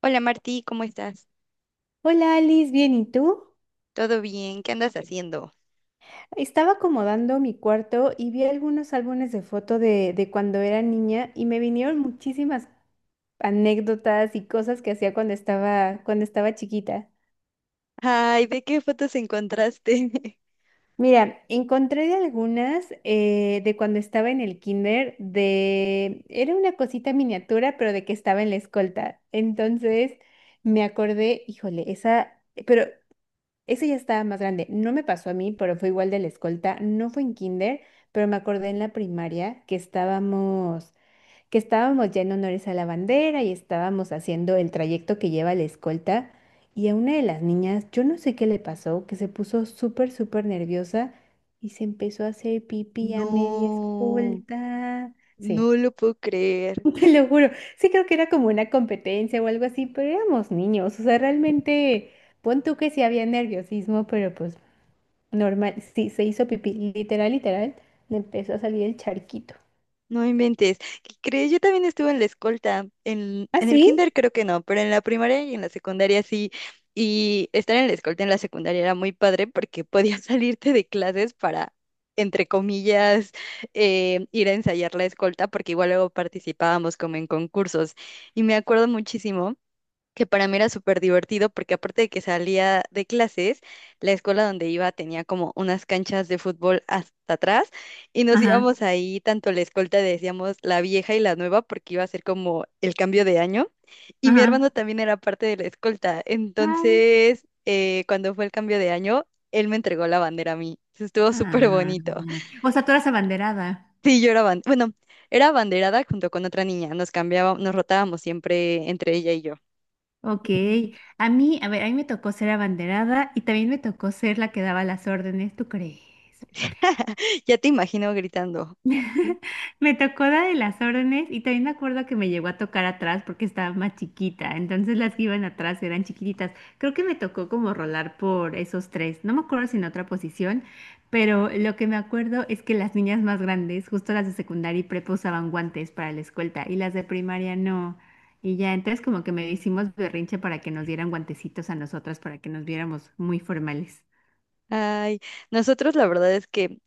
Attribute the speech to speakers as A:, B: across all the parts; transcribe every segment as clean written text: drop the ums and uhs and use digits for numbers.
A: Hola Martí, ¿cómo estás?
B: Hola Alice, bien, ¿y tú?
A: ¿Todo bien? ¿Qué andas haciendo?
B: Estaba acomodando mi cuarto y vi algunos álbumes de foto de cuando era niña y me vinieron muchísimas anécdotas y cosas que hacía cuando estaba chiquita.
A: Ay, ¿de qué fotos encontraste?
B: Mira, encontré de algunas de cuando estaba en el kinder, de... Era una cosita miniatura, pero de que estaba en la escolta. Entonces me acordé, híjole, esa... Pero Ese ya estaba más grande. No me pasó a mí, pero fue igual de la escolta. No fue en kinder, pero me acordé en la primaria que estábamos ya en honores a la bandera y estábamos haciendo el trayecto que lleva la escolta. Y a una de las niñas, yo no sé qué le pasó, que se puso súper, súper nerviosa y se empezó a hacer pipí a media
A: No,
B: escolta. Sí,
A: no lo puedo creer.
B: te lo juro. Sí, creo que era como una competencia o algo así, pero éramos niños. O sea, realmente, pon tú que sí había nerviosismo, pero pues. Normal, sí, se hizo pipí, literal, literal, le empezó a salir el charquito.
A: No inventes. ¿Qué crees? Yo también estuve en la escolta. En,
B: ¿Ah,
A: en el kinder
B: sí?
A: creo que no, pero en la primaria y en la secundaria sí. Y estar en la escolta en la secundaria era muy padre porque podías salirte de clases para, entre comillas, ir a ensayar la escolta, porque igual luego participábamos como en concursos. Y me acuerdo muchísimo, que para mí era súper divertido porque aparte de que salía de clases, la escuela donde iba tenía como unas canchas de fútbol hasta atrás y nos
B: Ajá,
A: íbamos ahí, tanto la escolta decíamos la vieja y la nueva porque iba a ser como el cambio de año y mi
B: ajá.
A: hermano también era parte de la escolta,
B: Ay,
A: entonces cuando fue el cambio de año, él me entregó la bandera a mí. Eso estuvo
B: ah.
A: súper bonito.
B: O sea, tú eras abanderada.
A: Sí, yo era bueno, era abanderada junto con otra niña, nos cambiábamos, nos rotábamos siempre entre ella y yo.
B: Ok. A mí, a ver, a mí me tocó ser abanderada y también me tocó ser la que daba las órdenes, ¿tú crees?
A: Ya te imagino gritando.
B: Me tocó la de las órdenes y también me acuerdo que me llegó a tocar atrás porque estaba más chiquita, entonces las que iban atrás eran chiquititas. Creo que me tocó como rolar por esos tres, no me acuerdo si en otra posición, pero lo que me acuerdo es que las niñas más grandes, justo las de secundaria y prepa usaban guantes para la escolta y las de primaria no. Y ya, entonces como que me hicimos berrinche para que nos dieran guantecitos a nosotras para que nos viéramos muy formales.
A: Ay, nosotros la verdad es que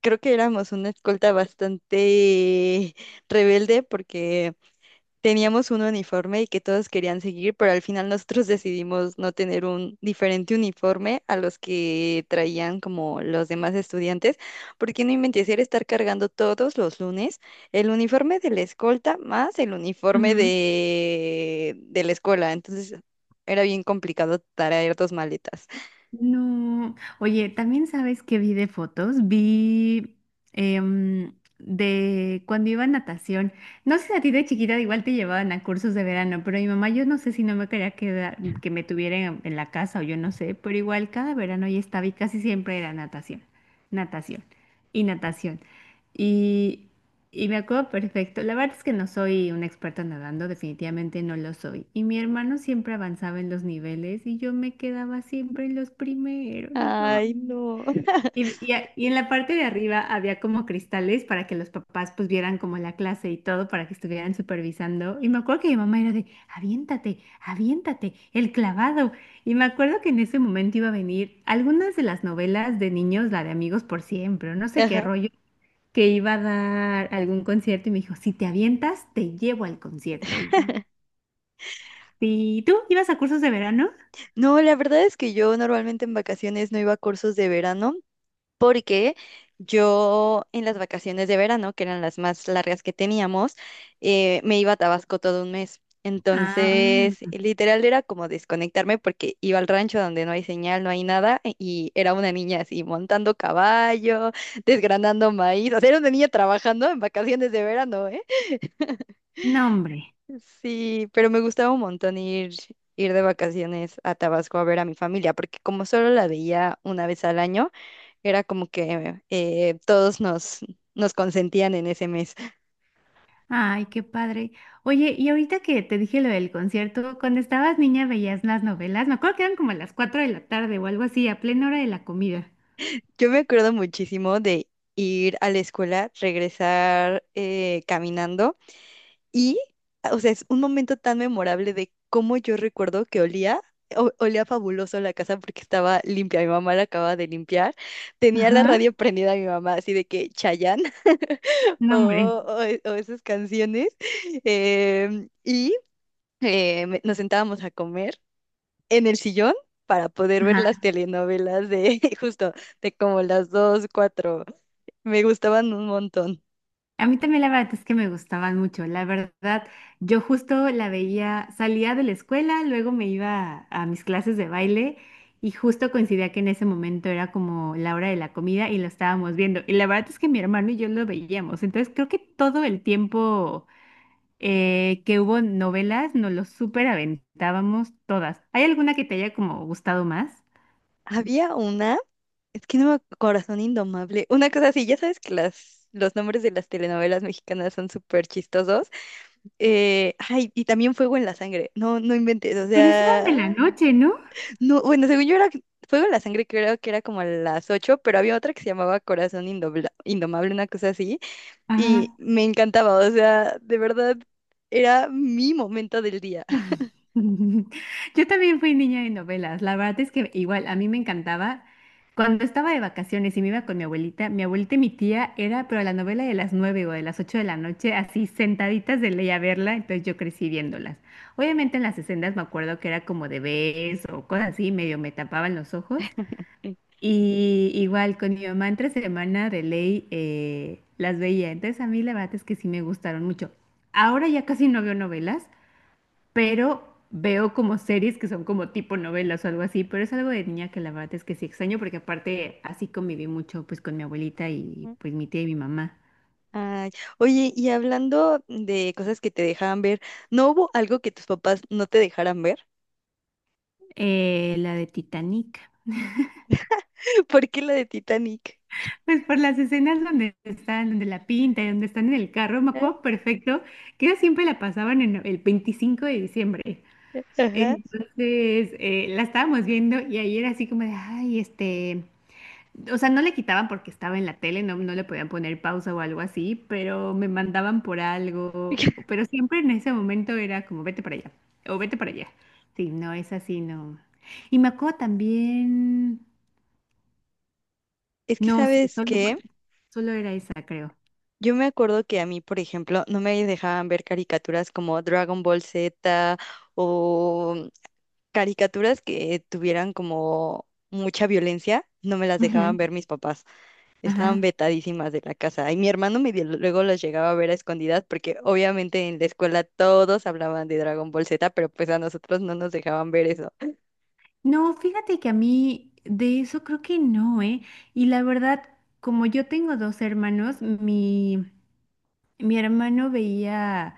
A: creo que éramos una escolta bastante rebelde porque teníamos un uniforme y que todos querían seguir, pero al final nosotros decidimos no tener un diferente uniforme a los que traían como los demás estudiantes, porque no inventes, era estar cargando todos los lunes el uniforme de la escolta más el uniforme
B: Ujú.
A: de la escuela. Entonces era bien complicado traer dos maletas.
B: No, oye, también sabes que vi de fotos, vi de cuando iba a natación. No sé si a ti de chiquita igual te llevaban a cursos de verano, pero mi mamá yo no sé si no me quería quedar, que me tuvieran en la casa o yo no sé, pero igual cada verano ya estaba y casi siempre era natación, natación y natación. Y y me acuerdo perfecto. La verdad es que no soy una experta nadando, definitivamente no lo soy. Y mi hermano siempre avanzaba en los niveles y yo me quedaba siempre en los primeros. Y, yo, "Ah".
A: Ay, no.
B: Y en la parte de arriba había como cristales para que los papás pues vieran como la clase y todo, para que estuvieran supervisando. Y me acuerdo que mi mamá era de, aviéntate, aviéntate, el clavado. Y me acuerdo que en ese momento iba a venir algunas de las novelas de niños, la de Amigos por Siempre, o no sé qué
A: Ajá.
B: rollo que iba a dar algún concierto y me dijo, si te avientas, te llevo al concierto. Y yo, ¿y tú ibas a cursos de verano?
A: No, la verdad es que yo normalmente en vacaciones no iba a cursos de verano, porque yo en las vacaciones de verano, que eran las más largas que teníamos, me iba a Tabasco todo un mes.
B: Ah,
A: Entonces, literal era como desconectarme porque iba al rancho donde no hay señal, no hay nada, e- y era una niña así montando caballo, desgranando maíz, o sea, era una niña trabajando en vacaciones de verano, ¿eh?
B: no, hombre.
A: Sí, pero me gustaba un montón ir de vacaciones a Tabasco a ver a mi familia, porque como solo la veía una vez al año, era como que nos consentían en ese mes.
B: Ay, qué padre. Oye, y ahorita que te dije lo del concierto, cuando estabas niña veías las novelas, me acuerdo que eran como a las 4 de la tarde o algo así, a plena hora de la comida.
A: Yo me acuerdo muchísimo de ir a la escuela, regresar caminando y, o sea, es un momento tan memorable de cómo yo recuerdo que olía, olía fabuloso la casa porque estaba limpia, mi mamá la acababa de limpiar, tenía la
B: Ajá,
A: radio prendida mi mamá, así de que Chayanne
B: no, hombre.
A: o esas canciones. em, y Nos sentábamos a comer en el sillón para poder ver las
B: Ajá.
A: telenovelas de justo de como las dos, cuatro. Me gustaban un montón.
B: A mí también la verdad es que me gustaban mucho. La verdad, yo justo la veía, salía de la escuela, luego me iba a, mis clases de baile y justo coincidía que en ese momento era como la hora de la comida y lo estábamos viendo. Y la verdad es que mi hermano y yo lo veíamos. Entonces creo que todo el tiempo que hubo novelas nos lo súper aventábamos todas. ¿Hay alguna que te haya como gustado más?
A: Había una, es que no me ac- Corazón Indomable, una cosa así, ya sabes que las, los nombres de las telenovelas mexicanas son súper chistosos. Ay, y también Fuego en la Sangre. No, no inventes, o
B: Pero es eran de
A: sea,
B: la noche, ¿no?
A: no, bueno, según yo era Fuego en la Sangre, creo que era como a las 8, pero había otra que se llamaba Corazón Indomable, una cosa así y
B: Ajá.
A: me encantaba, o sea, de verdad era mi momento del día.
B: Yo también fui niña de novelas. La verdad es que igual a mí me encantaba. Cuando estaba de vacaciones y me iba con mi abuelita y mi tía era, pero la novela de las 9 o de las 8 de la noche, así sentaditas de ley a verla, entonces yo crecí viéndolas. Obviamente en las sesendas me acuerdo que era como de bes o cosas así, medio me tapaban los ojos. Y igual con mi mamá entre semana de ley las veía. Entonces a mí la verdad es que sí me gustaron mucho. Ahora ya casi no veo novelas pero veo como series que son como tipo novelas o algo así, pero es algo de niña que la verdad es que sí extraño porque aparte así conviví mucho pues con mi abuelita y
A: Ujú.
B: pues mi tía y mi mamá.
A: Ay, oye, y hablando de cosas que te dejaban ver, ¿no hubo algo que tus papás no te dejaran ver?
B: La de Titanic.
A: ¿Por qué la de Titanic?
B: Pues por las escenas donde están, donde la pinta y donde están en el carro, me
A: ¿Eh?
B: acuerdo perfecto que ellos siempre la pasaban en el 25 de diciembre.
A: Ajá.
B: Entonces la estábamos viendo y ayer así como de, ay, o sea, no le quitaban porque estaba en la tele, no, no le podían poner pausa o algo así, pero me mandaban por algo. Pero siempre en ese momento era como, vete para allá, o vete para allá. Sí, no es así, no. Y me acuerdo también,
A: Es que,
B: no, sí,
A: ¿sabes
B: solo,
A: qué?
B: solo era esa, creo.
A: Yo me acuerdo que a mí, por ejemplo, no me dejaban ver caricaturas como Dragon Ball Z o caricaturas que tuvieran como mucha violencia, no me las
B: Ujú,
A: dejaban ver mis papás. Estaban
B: ajá.
A: vetadísimas de la casa. Y mi hermano medio luego los llegaba a ver a escondidas porque obviamente en la escuela todos hablaban de Dragon Ball Z, pero pues a nosotros no nos dejaban ver eso.
B: No, fíjate que a mí de eso creo que no, ¿eh? Y la verdad, como yo tengo dos hermanos, mi hermano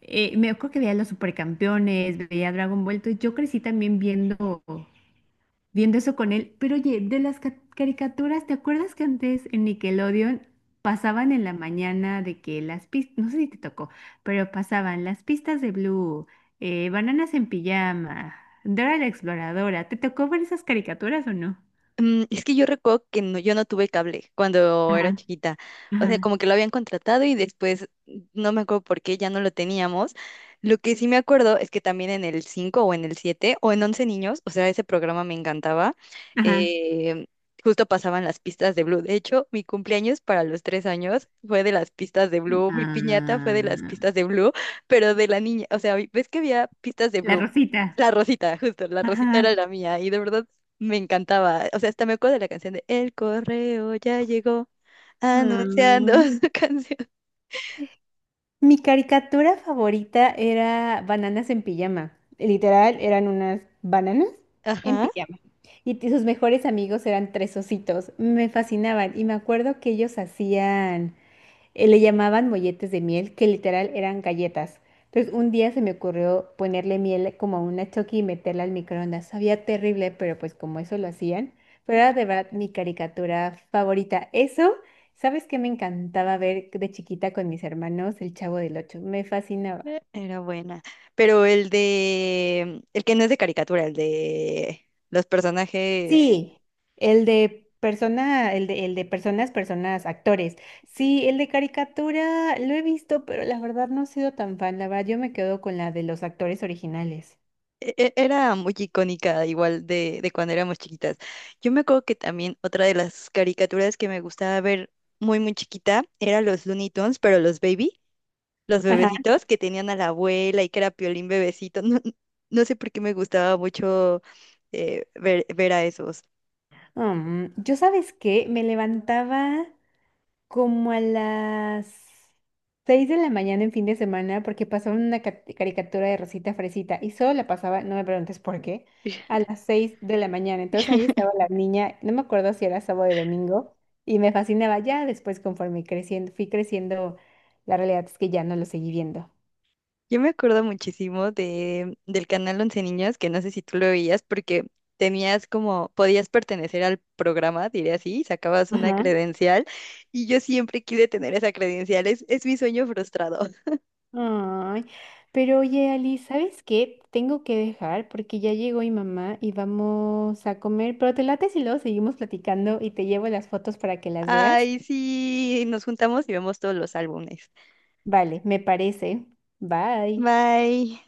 B: me acuerdo que veía Los Supercampeones, veía Dragon Ball, entonces yo crecí también viendo eso con él. Pero oye, de las caricaturas, ¿te acuerdas que antes en Nickelodeon pasaban en la mañana de que las pistas, no sé si te tocó, pero pasaban las pistas de Blue, Bananas en pijama, Dora la Exploradora? ¿Te tocó ver esas caricaturas o no?
A: Mm, es que yo recuerdo que no, yo no tuve cable cuando era
B: Ajá,
A: chiquita. O sea,
B: ajá,
A: como que lo habían contratado y después no me acuerdo por qué ya no lo teníamos. Lo que sí me acuerdo es que también en el 5 o en el 7 o en once niños, o sea, ese programa me encantaba.
B: ajá.
A: eh, Justo pasaban las pistas de Blue. De hecho, mi cumpleaños para los 3 años fue de las pistas de Blue. Mi piñata fue
B: Ah,
A: de las pistas de Blue, pero de la niña. O sea, ves que había pistas de
B: la
A: Blue.
B: Rosita.
A: La Rosita, justo, la Rosita era la
B: Ajá.
A: mía y de verdad me encantaba. O sea, hasta me acuerdo de la canción de El correo ya llegó anunciando su canción.
B: Mi caricatura favorita era Bananas en pijama. Literal, eran unas bananas en
A: Ajá,
B: pijama. Y sus mejores amigos eran tres ositos. Me fascinaban. Y me acuerdo que ellos hacían le llamaban molletes de miel, que literal eran galletas. Entonces, un día se me ocurrió ponerle miel como a una choqui y meterla al microondas. Sabía terrible, pero pues como eso lo hacían. Pero era de verdad mi caricatura favorita. Eso, ¿sabes qué me encantaba ver de chiquita con mis hermanos? El Chavo del Ocho. Me fascinaba.
A: era buena. Pero el de, el que no es de caricatura, el de los personajes,
B: Sí, el de personas, actores. Sí, el de caricatura lo he visto, pero la verdad no he sido tan fan. La verdad, yo me quedo con la de los actores originales.
A: era muy icónica, igual de cuando éramos chiquitas. Yo me acuerdo que también otra de las caricaturas que me gustaba ver muy, muy chiquita era los Looney Tunes, pero los Baby. Los
B: Ajá.
A: bebecitos que tenían a la abuela y que era Piolín bebecito. No, no sé por qué me gustaba mucho ver a esos.
B: Mm, yo, ¿sabes qué? Me levantaba como a las 6 de la mañana en fin de semana porque pasaban una caricatura de Rosita Fresita y solo la pasaba, no me preguntes por qué, a las 6 de la mañana. Entonces ahí estaba la niña, no me acuerdo si era sábado o domingo, y me fascinaba ya después conforme creciendo, fui creciendo, la realidad es que ya no lo seguí viendo.
A: Yo me acuerdo muchísimo del canal Once Niños, que no sé si tú lo veías, porque tenías como, podías pertenecer al programa, diré así, sacabas una
B: Ajá.
A: credencial, y yo siempre quise tener esa credencial, es mi sueño frustrado.
B: Ay, pero oye, Ali, ¿sabes qué? Tengo que dejar porque ya llegó mi mamá y vamos a comer, pero te late si luego seguimos platicando y te llevo las fotos para que las veas.
A: Ay, sí, nos juntamos y vemos todos los álbumes.
B: Vale, me parece. Bye.
A: Bye.